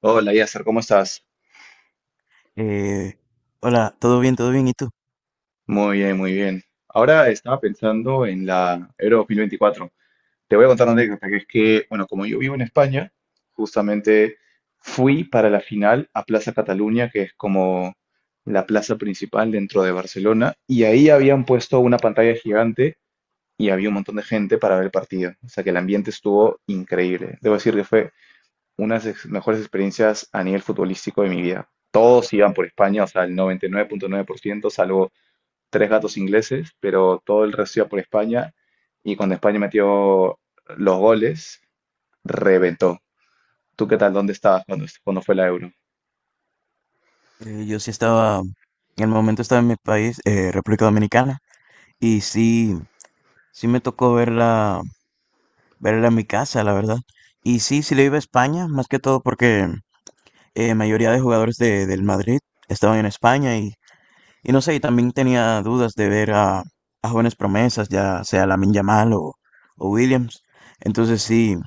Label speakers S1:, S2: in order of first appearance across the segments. S1: Hola, Yasser, ¿cómo estás?
S2: Eh, Hola, todo bien, todo bien. ¿Y tú?
S1: Muy bien, muy bien. Ahora estaba pensando en la Euro 2024. Te voy a contar una anécdota, que es que, bueno, como yo vivo en España, justamente fui para la final a Plaza Cataluña, que es como la plaza principal dentro de Barcelona, y ahí habían puesto una pantalla gigante y había un montón de gente para ver el partido. O sea que el ambiente estuvo increíble. Debo decir que fue unas de mejores experiencias a nivel futbolístico de mi vida. Todos iban por España, o sea, el 99.9%, salvo tres gatos ingleses, pero todo el resto iba por España. Y cuando España metió los goles, reventó. ¿Tú qué tal? ¿Dónde estabas cuando fue la Euro?
S2: Yo sí estaba, en el momento estaba en mi país, República Dominicana, y sí, sí me tocó verla, verla en mi casa, la verdad. Y sí, sí le iba a España, más que todo porque mayoría de jugadores del Madrid estaban en España y no sé, y también tenía dudas de ver a jóvenes promesas, ya sea Lamine Yamal o Williams. Entonces sí,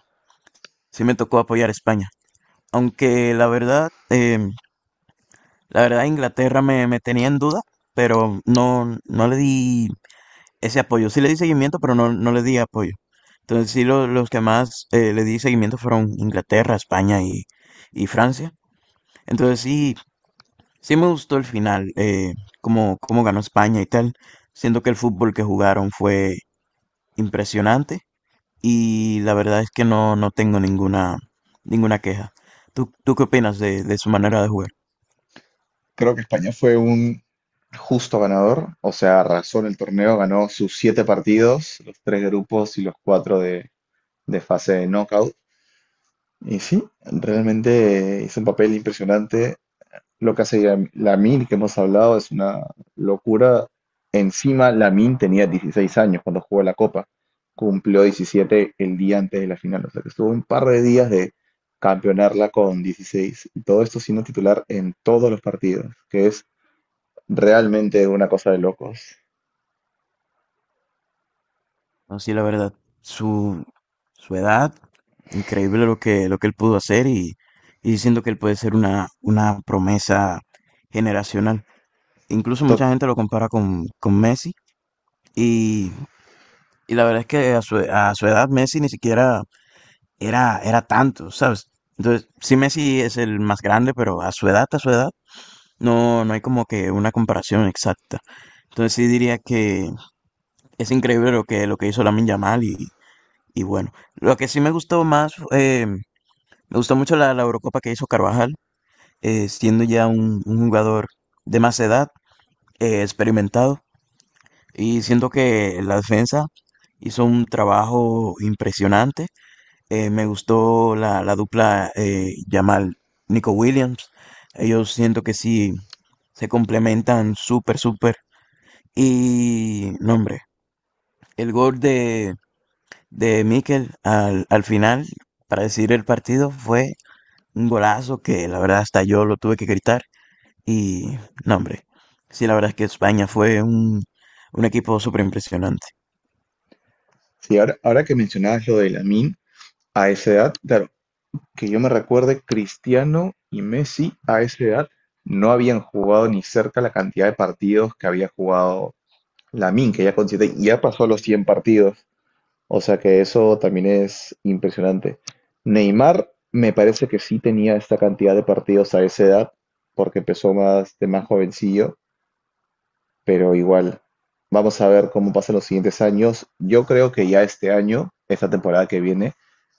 S2: sí me tocó apoyar a España. Aunque la verdad, la verdad, Inglaterra me tenía en duda, pero no, no le di ese apoyo. Sí le di seguimiento, pero no, no le di apoyo. Entonces los que más le di seguimiento fueron Inglaterra, España y Francia. Entonces sí, sí me gustó el final, cómo ganó España y tal. Siento que el fútbol que jugaron fue impresionante y la verdad es que no, no tengo ninguna, ninguna queja. ¿ Tú qué opinas de su manera de jugar?
S1: Creo que España fue un justo ganador, o sea, arrasó en el torneo, ganó sus siete partidos, los tres de grupos y los cuatro de fase de knockout. Y sí, realmente hizo un papel impresionante. Lo que hace Lamine, que hemos hablado, es una locura. Encima, Lamine tenía 16 años cuando jugó la Copa. Cumplió 17 el día antes de la final. O sea que estuvo un par de días de campeonarla con 16. Y todo esto siendo titular en todos los partidos, que es realmente una cosa de locos.
S2: No, sí, la verdad, su, su edad, increíble lo que él pudo hacer y siento que él puede ser una promesa generacional. Incluso
S1: To-
S2: mucha gente lo compara con Messi y, y la verdad es que a a su edad Messi ni siquiera era, era tanto, ¿sabes? Entonces, sí, Messi es el más grande, pero a su edad, no, no hay como que una comparación exacta. Entonces sí diría que es increíble lo que hizo Lamine Yamal y bueno, lo que sí me gustó más, me gustó mucho la Eurocopa que hizo Carvajal, siendo ya un jugador de más edad, experimentado, y siento que la defensa hizo un trabajo impresionante. Me gustó la dupla Yamal Nico Williams. Ellos siento que sí se complementan súper, súper. Y, no, hombre, el gol de Mikel al final para decidir el partido fue un golazo que la verdad hasta yo lo tuve que gritar y no, hombre. Sí, la verdad es que España fue un equipo súper impresionante.
S1: Sí, ahora, ahora que mencionabas lo de Lamine, a esa edad, claro, que yo me recuerde, Cristiano y Messi a esa edad no habían jugado ni cerca la cantidad de partidos que había jugado Lamin, que ya con ya pasó los 100 partidos. O sea que eso también es impresionante. Neymar me parece que sí tenía esta cantidad de partidos a esa edad, porque empezó más de más jovencillo, pero igual, vamos a ver cómo pasan los siguientes años. Yo creo que ya este año, esta temporada que viene,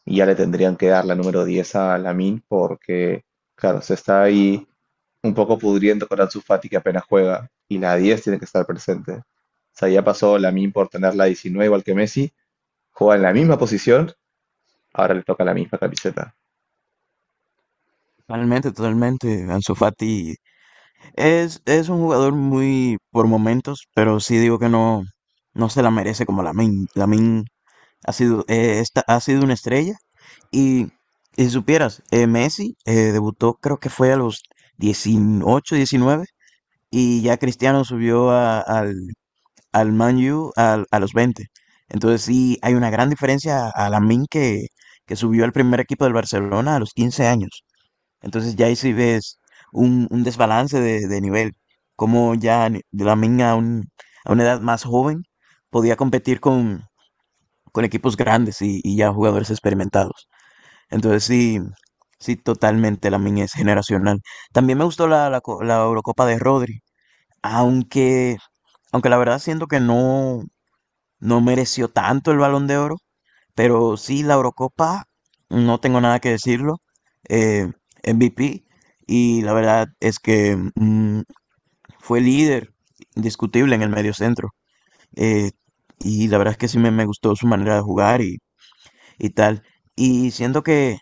S1: ya le tendrían que dar la número 10 a Lamin porque, claro, se está ahí un poco pudriendo con Ansu Fati que apenas juega y la 10 tiene que estar presente. O sea, ya pasó Lamin por tener la 19 igual que Messi, juega en la misma posición, ahora le toca la misma camiseta.
S2: Totalmente, totalmente. Ansu Fati es un jugador muy por momentos, pero sí digo que no, no se la merece como Lamin. Lamin ha sido, ha sido una estrella y, y si supieras, Messi debutó creo que fue a los 18 19 y ya Cristiano subió al Man U a los 20. Entonces sí, hay una gran diferencia a Lamine que subió al primer equipo del Barcelona a los 15 años. Entonces ya ahí sí ves un desbalance de nivel, como Lamine a una edad más joven podía competir con equipos grandes y ya jugadores experimentados. Entonces sí, sí, totalmente Lamine es generacional. También me gustó la Eurocopa de Rodri, aunque... Aunque la verdad siento que no, no mereció tanto el Balón de Oro, pero sí la Eurocopa, no tengo nada que decirlo. eh, MVP, y la verdad es que fue líder indiscutible en el medio centro. eh, y la verdad es que sí me gustó su manera de jugar y tal. Y siento que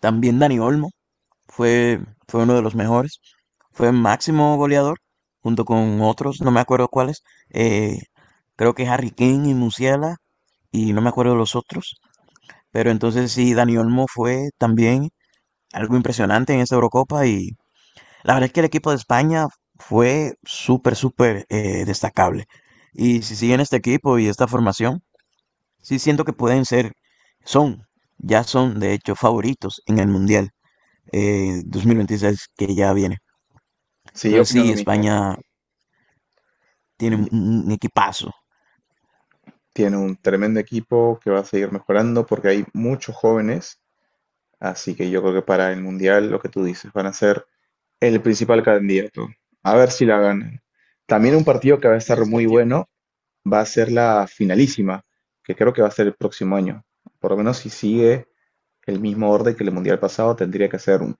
S2: también Dani Olmo fue, fue uno de los mejores. Fue máximo goleador, junto con otros, no me acuerdo cuáles. eh, Creo que Harry Kane y Musiala, y no me acuerdo de los otros. Pero entonces sí, Dani Olmo fue también algo impresionante en esta Eurocopa. Y la verdad es que el equipo de España fue súper, súper destacable. Y si siguen este equipo y esta formación, sí siento que pueden ser, son, ya son de hecho favoritos en el Mundial 2026 que ya viene.
S1: Sí, yo
S2: Entonces
S1: opino
S2: sí,
S1: lo mismo.
S2: España tiene un equipazo.
S1: Tiene un tremendo equipo que va a seguir mejorando porque hay muchos jóvenes. Así que yo creo que para el Mundial, lo que tú dices, van a ser el principal candidato. A ver si la ganan. También un partido que va a estar muy bueno va a ser la finalísima, que creo que va a ser el próximo año. Por lo menos si sigue el mismo orden que el Mundial pasado, tendría que ser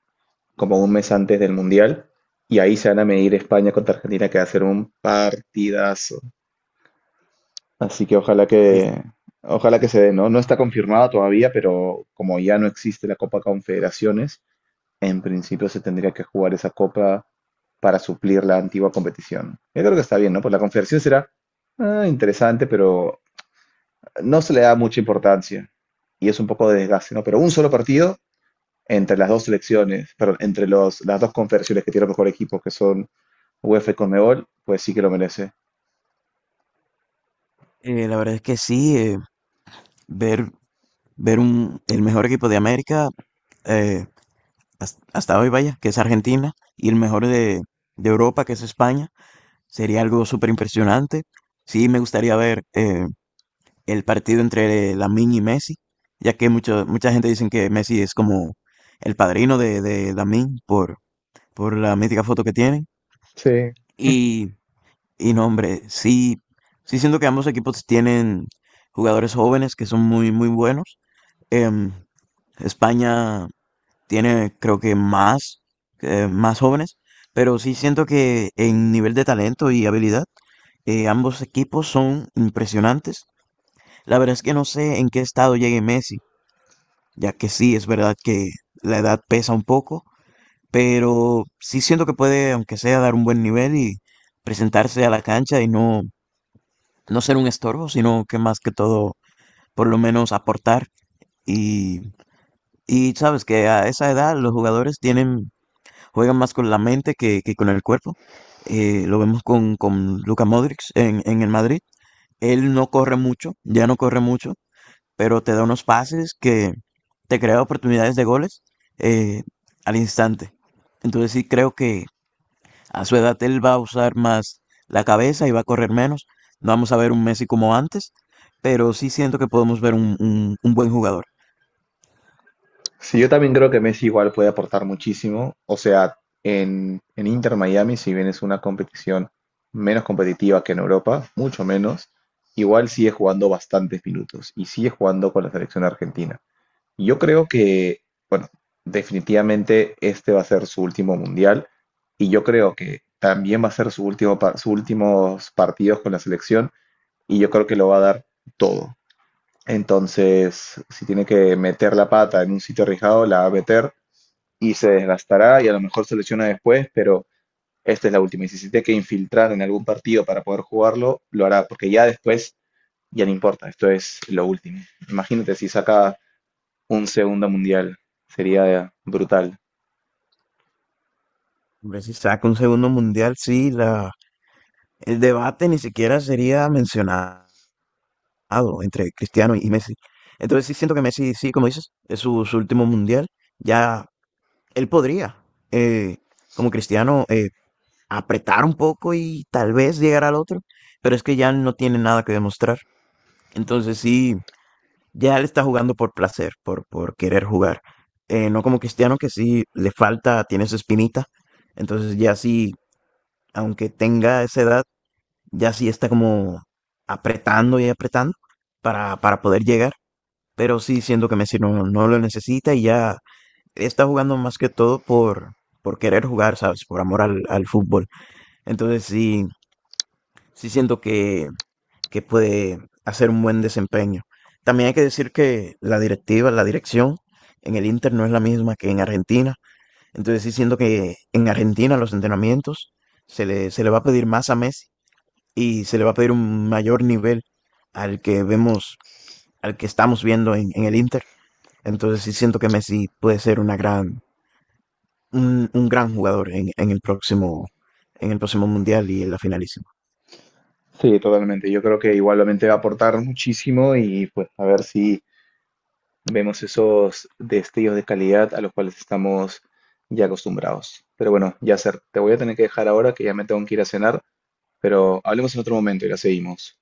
S1: como un mes antes del Mundial. Y ahí se van a medir España contra Argentina, que va a ser un partidazo. Así que
S2: Eh,
S1: ojalá que se dé, ¿no? No está confirmada todavía, pero como ya no existe la Copa Confederaciones, en principio se tendría que jugar esa copa para suplir la antigua competición. Yo creo que está bien, ¿no? Pues la confederación será interesante, pero no se le da mucha importancia y es un poco de desgaste, ¿no? Pero un solo partido entre las dos selecciones, pero entre las dos confederaciones que tienen los mejores equipos, que son UEFA y Conmebol, pues sí que lo merece.
S2: la verdad es que sí, ver, ver un, el mejor equipo de América eh, hasta hoy, vaya, que es Argentina, y el mejor de Europa, que es España, sería algo súper impresionante. Sí, me gustaría ver el partido entre Lamine y Messi, ya que mucho, mucha gente dicen que Messi es como el padrino de Lamine por la mítica foto que tienen.
S1: Sí,
S2: Y, y no, hombre, sí, sí siento que ambos equipos tienen jugadores jóvenes que son muy, muy buenos. Em, España tiene, creo que más, más jóvenes, pero sí siento que en nivel de talento y habilidad, ambos equipos son impresionantes. La verdad es que no sé en qué estado llegue Messi ya que sí, es verdad que la edad pesa un poco, pero sí siento que puede, aunque sea, dar un buen nivel y presentarse a la cancha y no, no ser un estorbo, sino que más que todo, por lo menos aportar. Y, y sabes que a esa edad los jugadores tienen, juegan más con la mente que con el cuerpo. Lo vemos con Luka Modric en el Madrid. Él no corre mucho, ya no corre mucho, pero te da unos pases que te crea oportunidades de goles eh, al instante. Entonces sí creo que a su edad él va a usar más la cabeza y va a correr menos. No vamos a ver un Messi como antes, pero sí siento que podemos ver un buen jugador.
S1: sí, yo también creo que Messi igual puede aportar muchísimo. O sea, en Inter Miami, si bien es una competición menos competitiva que en Europa, mucho menos, igual sigue jugando bastantes minutos y sigue jugando con la selección argentina. Y yo creo que, bueno, definitivamente este va a ser su último mundial y yo creo que también va a ser su último, sus últimos partidos con la selección y yo creo que lo va a dar todo. Entonces, si tiene que meter la pata en un sitio arriesgado, la va a meter y se desgastará y a lo mejor se lesiona después, pero esta es la última. Y si se tiene que infiltrar en algún partido para poder jugarlo, lo hará, porque ya después ya no importa, esto es lo último. Imagínate si saca un segundo mundial, sería brutal.
S2: Hombre, si saca un segundo mundial, sí, la, el debate ni siquiera sería mencionado entre Cristiano y Messi. Entonces sí siento que Messi, sí, como dices, es su último mundial. Ya él podría, eh, como Cristiano, apretar un poco y tal vez llegar al otro, pero es que ya no tiene nada que demostrar. Entonces sí, ya él está jugando por placer, por querer jugar. No como Cristiano que sí le falta, tiene su espinita. Entonces ya sí, aunque tenga esa edad, ya sí está como apretando y apretando para poder llegar. Pero sí siento que Messi no, no lo necesita y ya está jugando más que todo por querer jugar, ¿sabes? Por amor al, al fútbol. Entonces sí, sí siento que puede hacer un buen desempeño. También hay que decir que la directiva, la dirección en el Inter no es la misma que en Argentina. Entonces sí siento que en Argentina los entrenamientos se le va a pedir más a Messi y se le va a pedir un mayor nivel al que vemos, al que estamos viendo en el Inter. Entonces sí siento que Messi puede ser una gran, un gran jugador en el próximo Mundial y en la finalísima.
S1: Sí, totalmente. Yo creo que igualmente va a aportar muchísimo y pues a ver si vemos esos destellos de calidad a los cuales estamos ya acostumbrados. Pero bueno, Yasser, te voy a tener que dejar ahora que ya me tengo que ir a cenar, pero hablemos en otro momento y la seguimos.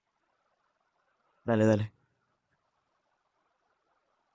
S2: Dale, dale.